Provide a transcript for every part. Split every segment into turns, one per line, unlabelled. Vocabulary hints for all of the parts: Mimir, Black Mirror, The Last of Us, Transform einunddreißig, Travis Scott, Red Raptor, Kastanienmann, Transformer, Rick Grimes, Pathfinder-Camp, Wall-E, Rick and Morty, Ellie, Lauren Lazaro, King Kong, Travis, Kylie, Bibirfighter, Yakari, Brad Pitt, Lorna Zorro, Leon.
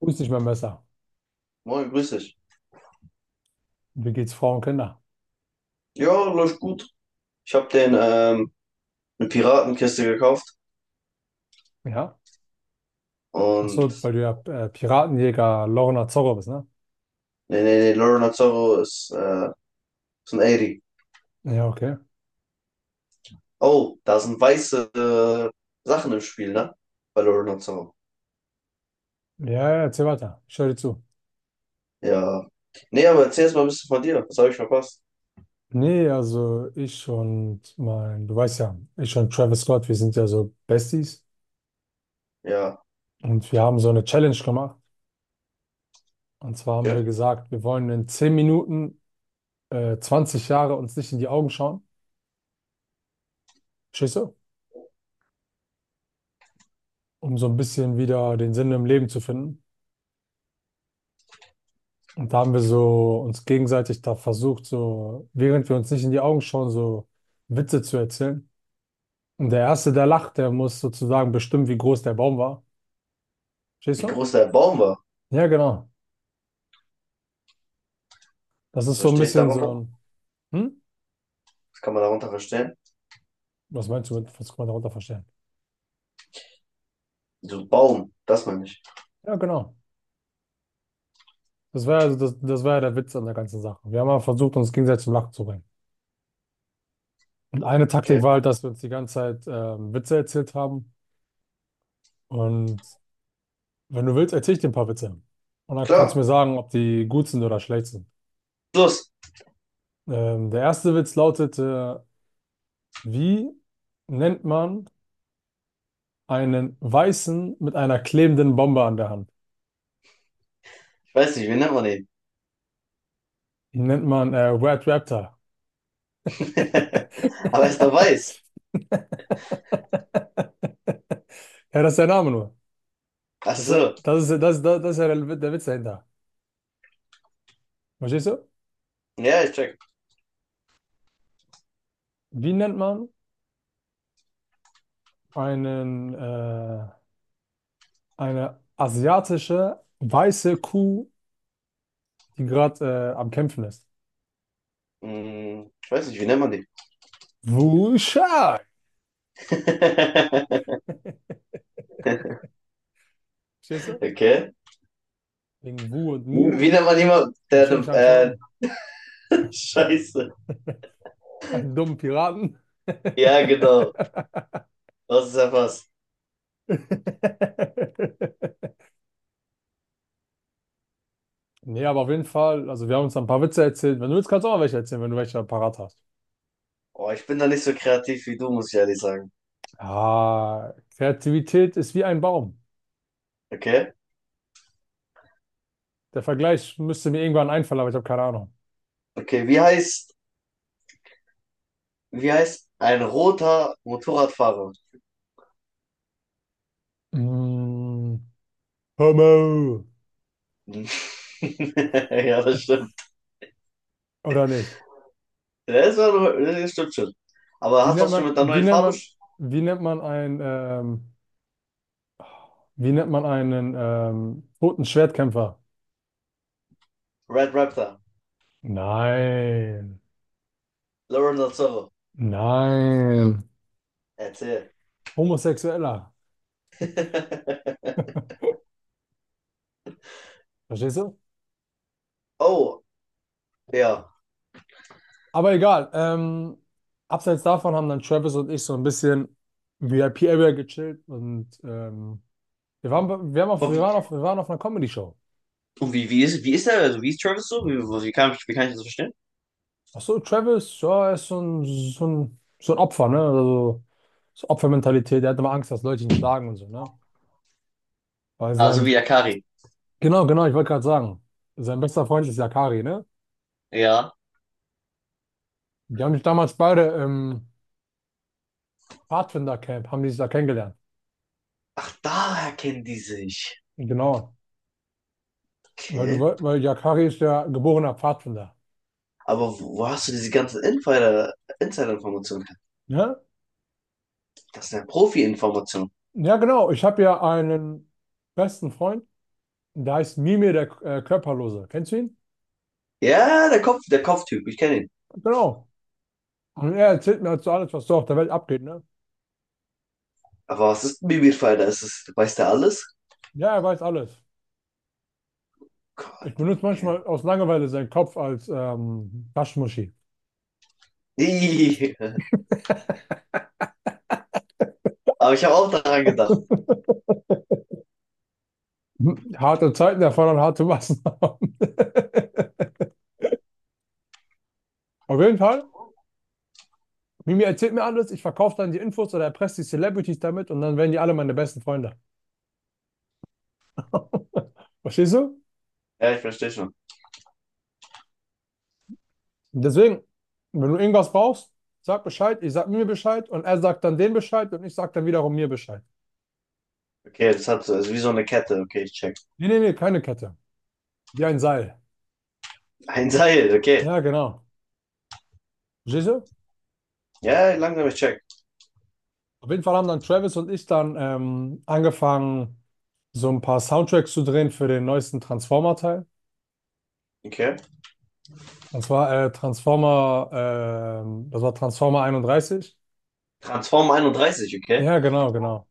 Wo ist nicht mein Messer?
Moin, grüß dich.
Wie geht's Frauen und Kinder?
Ja, läuft gut. Ich habe den eine Piratenkiste gekauft
Ja? Ach
und
so, weil du ja Piratenjäger Lorna Zorro bist, ne?
nee, nee, nee, Lorna Zorro ist ein 80.
Ja, okay.
Oh, da sind weiße Sachen im Spiel, ne? Bei Lorna Zorro.
Ja, ja, erzähl weiter. Ich höre dir zu.
Ja. Nee, aber erzähl erst mal ein bisschen von dir. Was habe ich verpasst?
Nee, also du weißt ja, ich und Travis Scott, wir sind ja so Besties
Ja,
und wir haben so eine Challenge gemacht. Und zwar haben
okay.
wir gesagt, wir wollen in 10 Minuten 20 Jahre uns nicht in die Augen schauen. Verstehst du? Um so ein bisschen wieder den Sinn im Leben zu finden. Und da haben wir so uns gegenseitig da versucht, so, während wir uns nicht in die Augen schauen, so Witze zu erzählen. Und der Erste, der lacht, der muss sozusagen bestimmen, wie groß der Baum war. Verstehst
Wie
du?
groß der Baum war.
Ja, genau. Das
Was
ist so ein
verstehe ich
bisschen so
darunter?
ein, hm?
Was kann man darunter verstehen?
Was meinst du mit, was kann man darunter verstehen?
So Baum, das meine ich.
Ja, genau. Das war also das war ja der Witz an der ganzen Sache. Wir haben mal versucht, uns gegenseitig zum Lachen zu bringen. Und eine
Okay.
Taktik war halt, dass wir uns die ganze Zeit Witze erzählt haben. Und wenn du willst, erzähle ich dir ein paar Witze. Und dann kannst du
Klar.
mir sagen, ob die gut sind oder schlecht sind.
Los.
Der erste Witz lautete, wie nennt man einen Weißen mit einer klebenden Bombe an der Hand?
Ich weiß nicht, wie nennt man den?
Ihn nennt man Red Raptor.
Aber er ist doch weiß.
Ja, das ist der Name nur.
Ach so.
Das ist ja der Witz dahinter. Verstehst du?
Ja, ich check.
Wie nennt man einen, äh, eine asiatische weiße Kuh, die gerade am Kämpfen ist?
Hm, ich weiß nicht, wie nennt man die?
Wuschai. Verstehst du?
Okay.
Wegen Wu und Mu.
Wie nennt man jemanden,
Und
der
Xing
eine,
Shang
äh,
Shang,
Scheiße.
einen dummen Piraten.
Ja, genau. Das ist ja was.
Nee, aber auf jeden Fall, also wir haben uns ein paar Witze erzählt. Wenn du willst, kannst du auch mal welche erzählen, wenn du welche parat hast.
Oh, ich bin da nicht so kreativ wie du, muss ich ehrlich sagen.
Ah, Kreativität ist wie ein Baum.
Okay?
Der Vergleich müsste mir irgendwann einfallen, aber ich habe keine Ahnung.
Okay, wie heißt ein roter Motorradfahrer?
Mm, Homo.
Hm. Ja, das stimmt.
Oder nicht?
Ja, das stimmt schon. Aber
Wie
hast du
nennt
auch schon
man,
mit der
wie
neuen
nennt
Farbe?
man, wie nennt man einen toten Schwertkämpfer?
Red Raptor.
Nein.
Lauren Lazaro.
Nein.
Erzähl.
Homosexueller. Verstehst du?
Oh, ja.
Aber egal. Abseits davon haben dann Travis und ich so ein bisschen VIP-Area gechillt und wir waren, bei- wir haben auf, wir waren auf, wir waren auf einer Comedy-Show.
Und wie ist er, also wie ist Travis so? Wie kann ich das verstehen?
Ach so, Travis, ja, er ist so ein Opfer, ne? Also so Opfermentalität. Er hat immer Angst, dass Leute ihn schlagen und so, ne? Weil
Ah, so wie
sein,
Yakari.
genau, genau, ich wollte gerade sagen, sein bester Freund ist Yakari, ne?
Ja.
Die haben sich damals beide im haben die sich da kennengelernt.
Ach, daher kennen die sich.
Genau. Weil du,
Okay.
weil Yakari ist ja geborener Pfadfinder.
Aber wo hast du diese ganzen Insider-Informationen her?
Ja,
Das sind ja Profi-Informationen.
ja genau. Ich habe ja einen besten Freund, der heißt Mimir, der Körperlose. Kennst du ihn?
Ja, der Kopf, der Kopftyp, ich kenne ihn.
Genau. Und er erzählt mir dazu alles, was so auf der Welt abgeht, ne?
Aber was ist ein Bibirfighter? Ist es, weiß der alles?
Ja, er weiß alles. Ich
Gott,
benutze
okay.
manchmal aus Langeweile seinen Kopf als Taschenmuschi.
Ih, aber ich habe auch daran gedacht.
Harte Zeiten erfordern harte Maßnahmen. Auf jeden Fall. Mimi erzählt mir alles, ich verkaufe dann die Infos oder erpresse die Celebrities damit und dann werden die alle meine besten Freunde. Verstehst du?
Ja, ich verstehe schon.
Deswegen, wenn du irgendwas brauchst, sag Bescheid, ich sag mir Bescheid und er sagt dann den Bescheid und ich sag dann wiederum mir Bescheid.
Okay, das hat so, ist wie so eine Kette. Okay, ich check.
Nee, nee, nee, keine Kette. Wie ein Seil.
Ein Seil, okay.
Ja, genau. Verstehst du?
Ja, langsam, ich check.
Auf jeden Fall haben dann Travis und ich dann angefangen, so ein paar Soundtracks zu drehen für den neuesten Transformer-Teil.
Okay.
Und zwar das war Transformer 31.
Transform einunddreißig, okay.
Ja, genau, genau.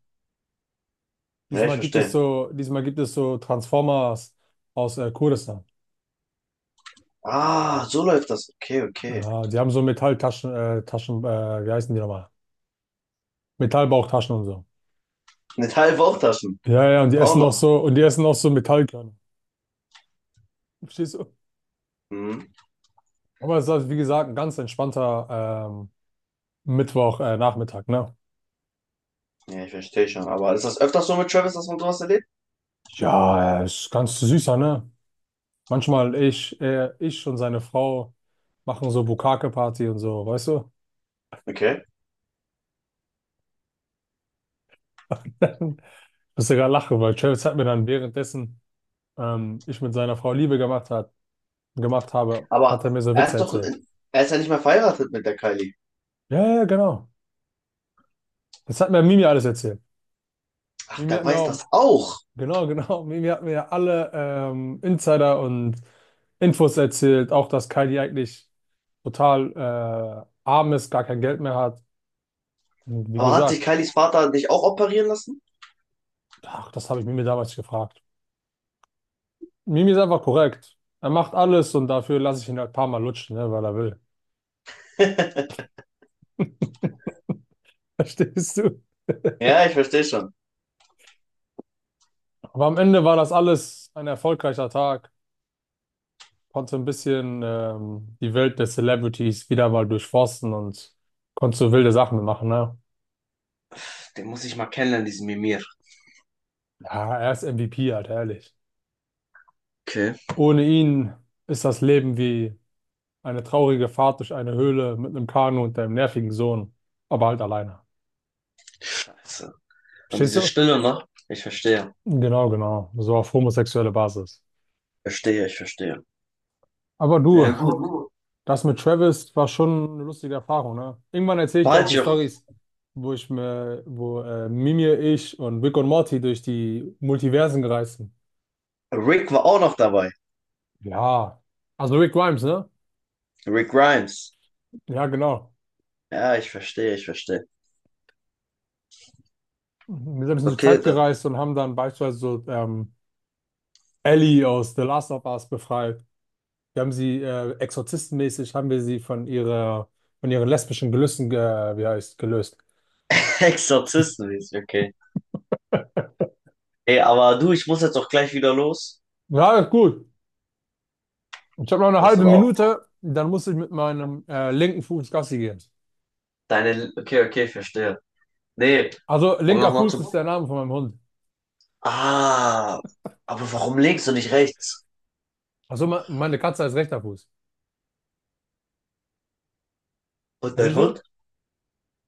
Ja, ich verstehe.
Diesmal gibt es so Transformers aus Kurdistan.
Ah, so läuft das. Okay, okay.
Ja, die haben so wie heißen die nochmal? Metallbauchtaschen und so.
Mit halben Bauchtaschen. Auch noch.
Und die essen auch so Metallkörner. Verstehst du?
Hm.
Aber es ist halt, wie gesagt, ein ganz entspannter Mittwoch, Nachmittag, ne?
Ja, ich verstehe schon. Aber ist das öfters so mit Travis, dass man sowas erlebt?
Ja, ist ganz süßer, ne? Manchmal ich und seine Frau machen so Bukake party und so, weißt du?
Okay.
Ich muss sogar lachen, weil Travis hat mir dann währenddessen ich mit seiner Frau Liebe gemacht hat, gemacht habe, hat er
Aber
mir so Witze erzählt.
er ist ja nicht mehr verheiratet mit der Kylie.
Ja, ja, genau. Das hat mir Mimi alles erzählt.
Ach,
Mimi
der
hat mir
weiß
auch,
das auch.
genau, genau, Mimi hat mir ja alle Insider und Infos erzählt, auch dass Kylie eigentlich total arm ist, gar kein Geld mehr hat. Und wie
Aber hat sich
gesagt,
Kylies Vater nicht auch operieren lassen?
ach, das habe ich Mimi damals gefragt. Mimi ist einfach korrekt. Er macht alles und dafür lasse ich ihn halt ein paar Mal lutschen, ne, weil er will. Verstehst du?
Ja, ich verstehe schon.
Aber am Ende war das alles ein erfolgreicher Tag. Konntest du ein bisschen die Welt der Celebrities wieder mal durchforsten und konntest du wilde Sachen machen, ne?
Den muss ich mal kennenlernen, diesen Mimir.
Ja, er ist MVP halt, ehrlich.
Okay.
Ohne ihn ist das Leben wie eine traurige Fahrt durch eine Höhle mit einem Kanu und deinem nervigen Sohn, aber halt alleine.
Scheiße. Und
Verstehst
diese
du?
Stille noch? Ich verstehe.
Genau, genau. So auf homosexuelle Basis.
Verstehe, ich verstehe.
Aber
Ja,
du,
gut.
das mit Travis war schon eine lustige Erfahrung, ne? Irgendwann erzähle ich dir auch
Bald,
die
Joch.
Stories, wo Mimir, ich und Rick und Morty durch die Multiversen gereist sind.
Rick war auch noch dabei.
Ja, also Rick Grimes, ne?
Rick Grimes.
Ja, genau.
Ja, ich verstehe.
Wir sind ein bisschen durch die
Okay,
Zeit
dann
gereist und haben dann beispielsweise so Ellie aus The Last of Us befreit. Wir haben sie exorzistenmäßig, haben wir sie von von ihren lesbischen Gelüsten, gelöst.
Exorzisten, okay. Ey, aber du, ich muss jetzt auch gleich wieder los.
Ja, gut. Ich habe noch eine
Das
halbe
aber auch.
Minute, dann muss ich mit meinem linken Fuß Gassi gehen.
Deine, okay, okay, ich verstehe. Nee,
Also
um
linker
nochmal
Fuß
zu.
ist der Name von meinem Hund.
Ah, aber warum links und nicht rechts?
Also meine Katze heißt rechter Fuß.
Und dein
Verstehst du?
Hund?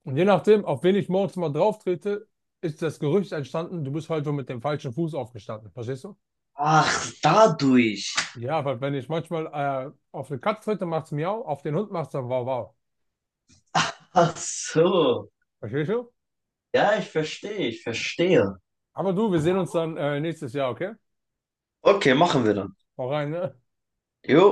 Und je nachdem, auf wen ich morgens mal drauf trete, ist das Gerücht entstanden, du bist heute mit dem falschen Fuß aufgestanden. Verstehst du?
Ach, dadurch.
Ja, weil wenn ich manchmal auf eine Katze trete, macht's miau, auf den Hund macht's dann wow wow.
Ach so.
Verstehst du?
Ja, ich verstehe.
Aber du, wir sehen uns dann nächstes Jahr, okay?
Okay, machen wir dann.
Hau rein, ne?
Jo.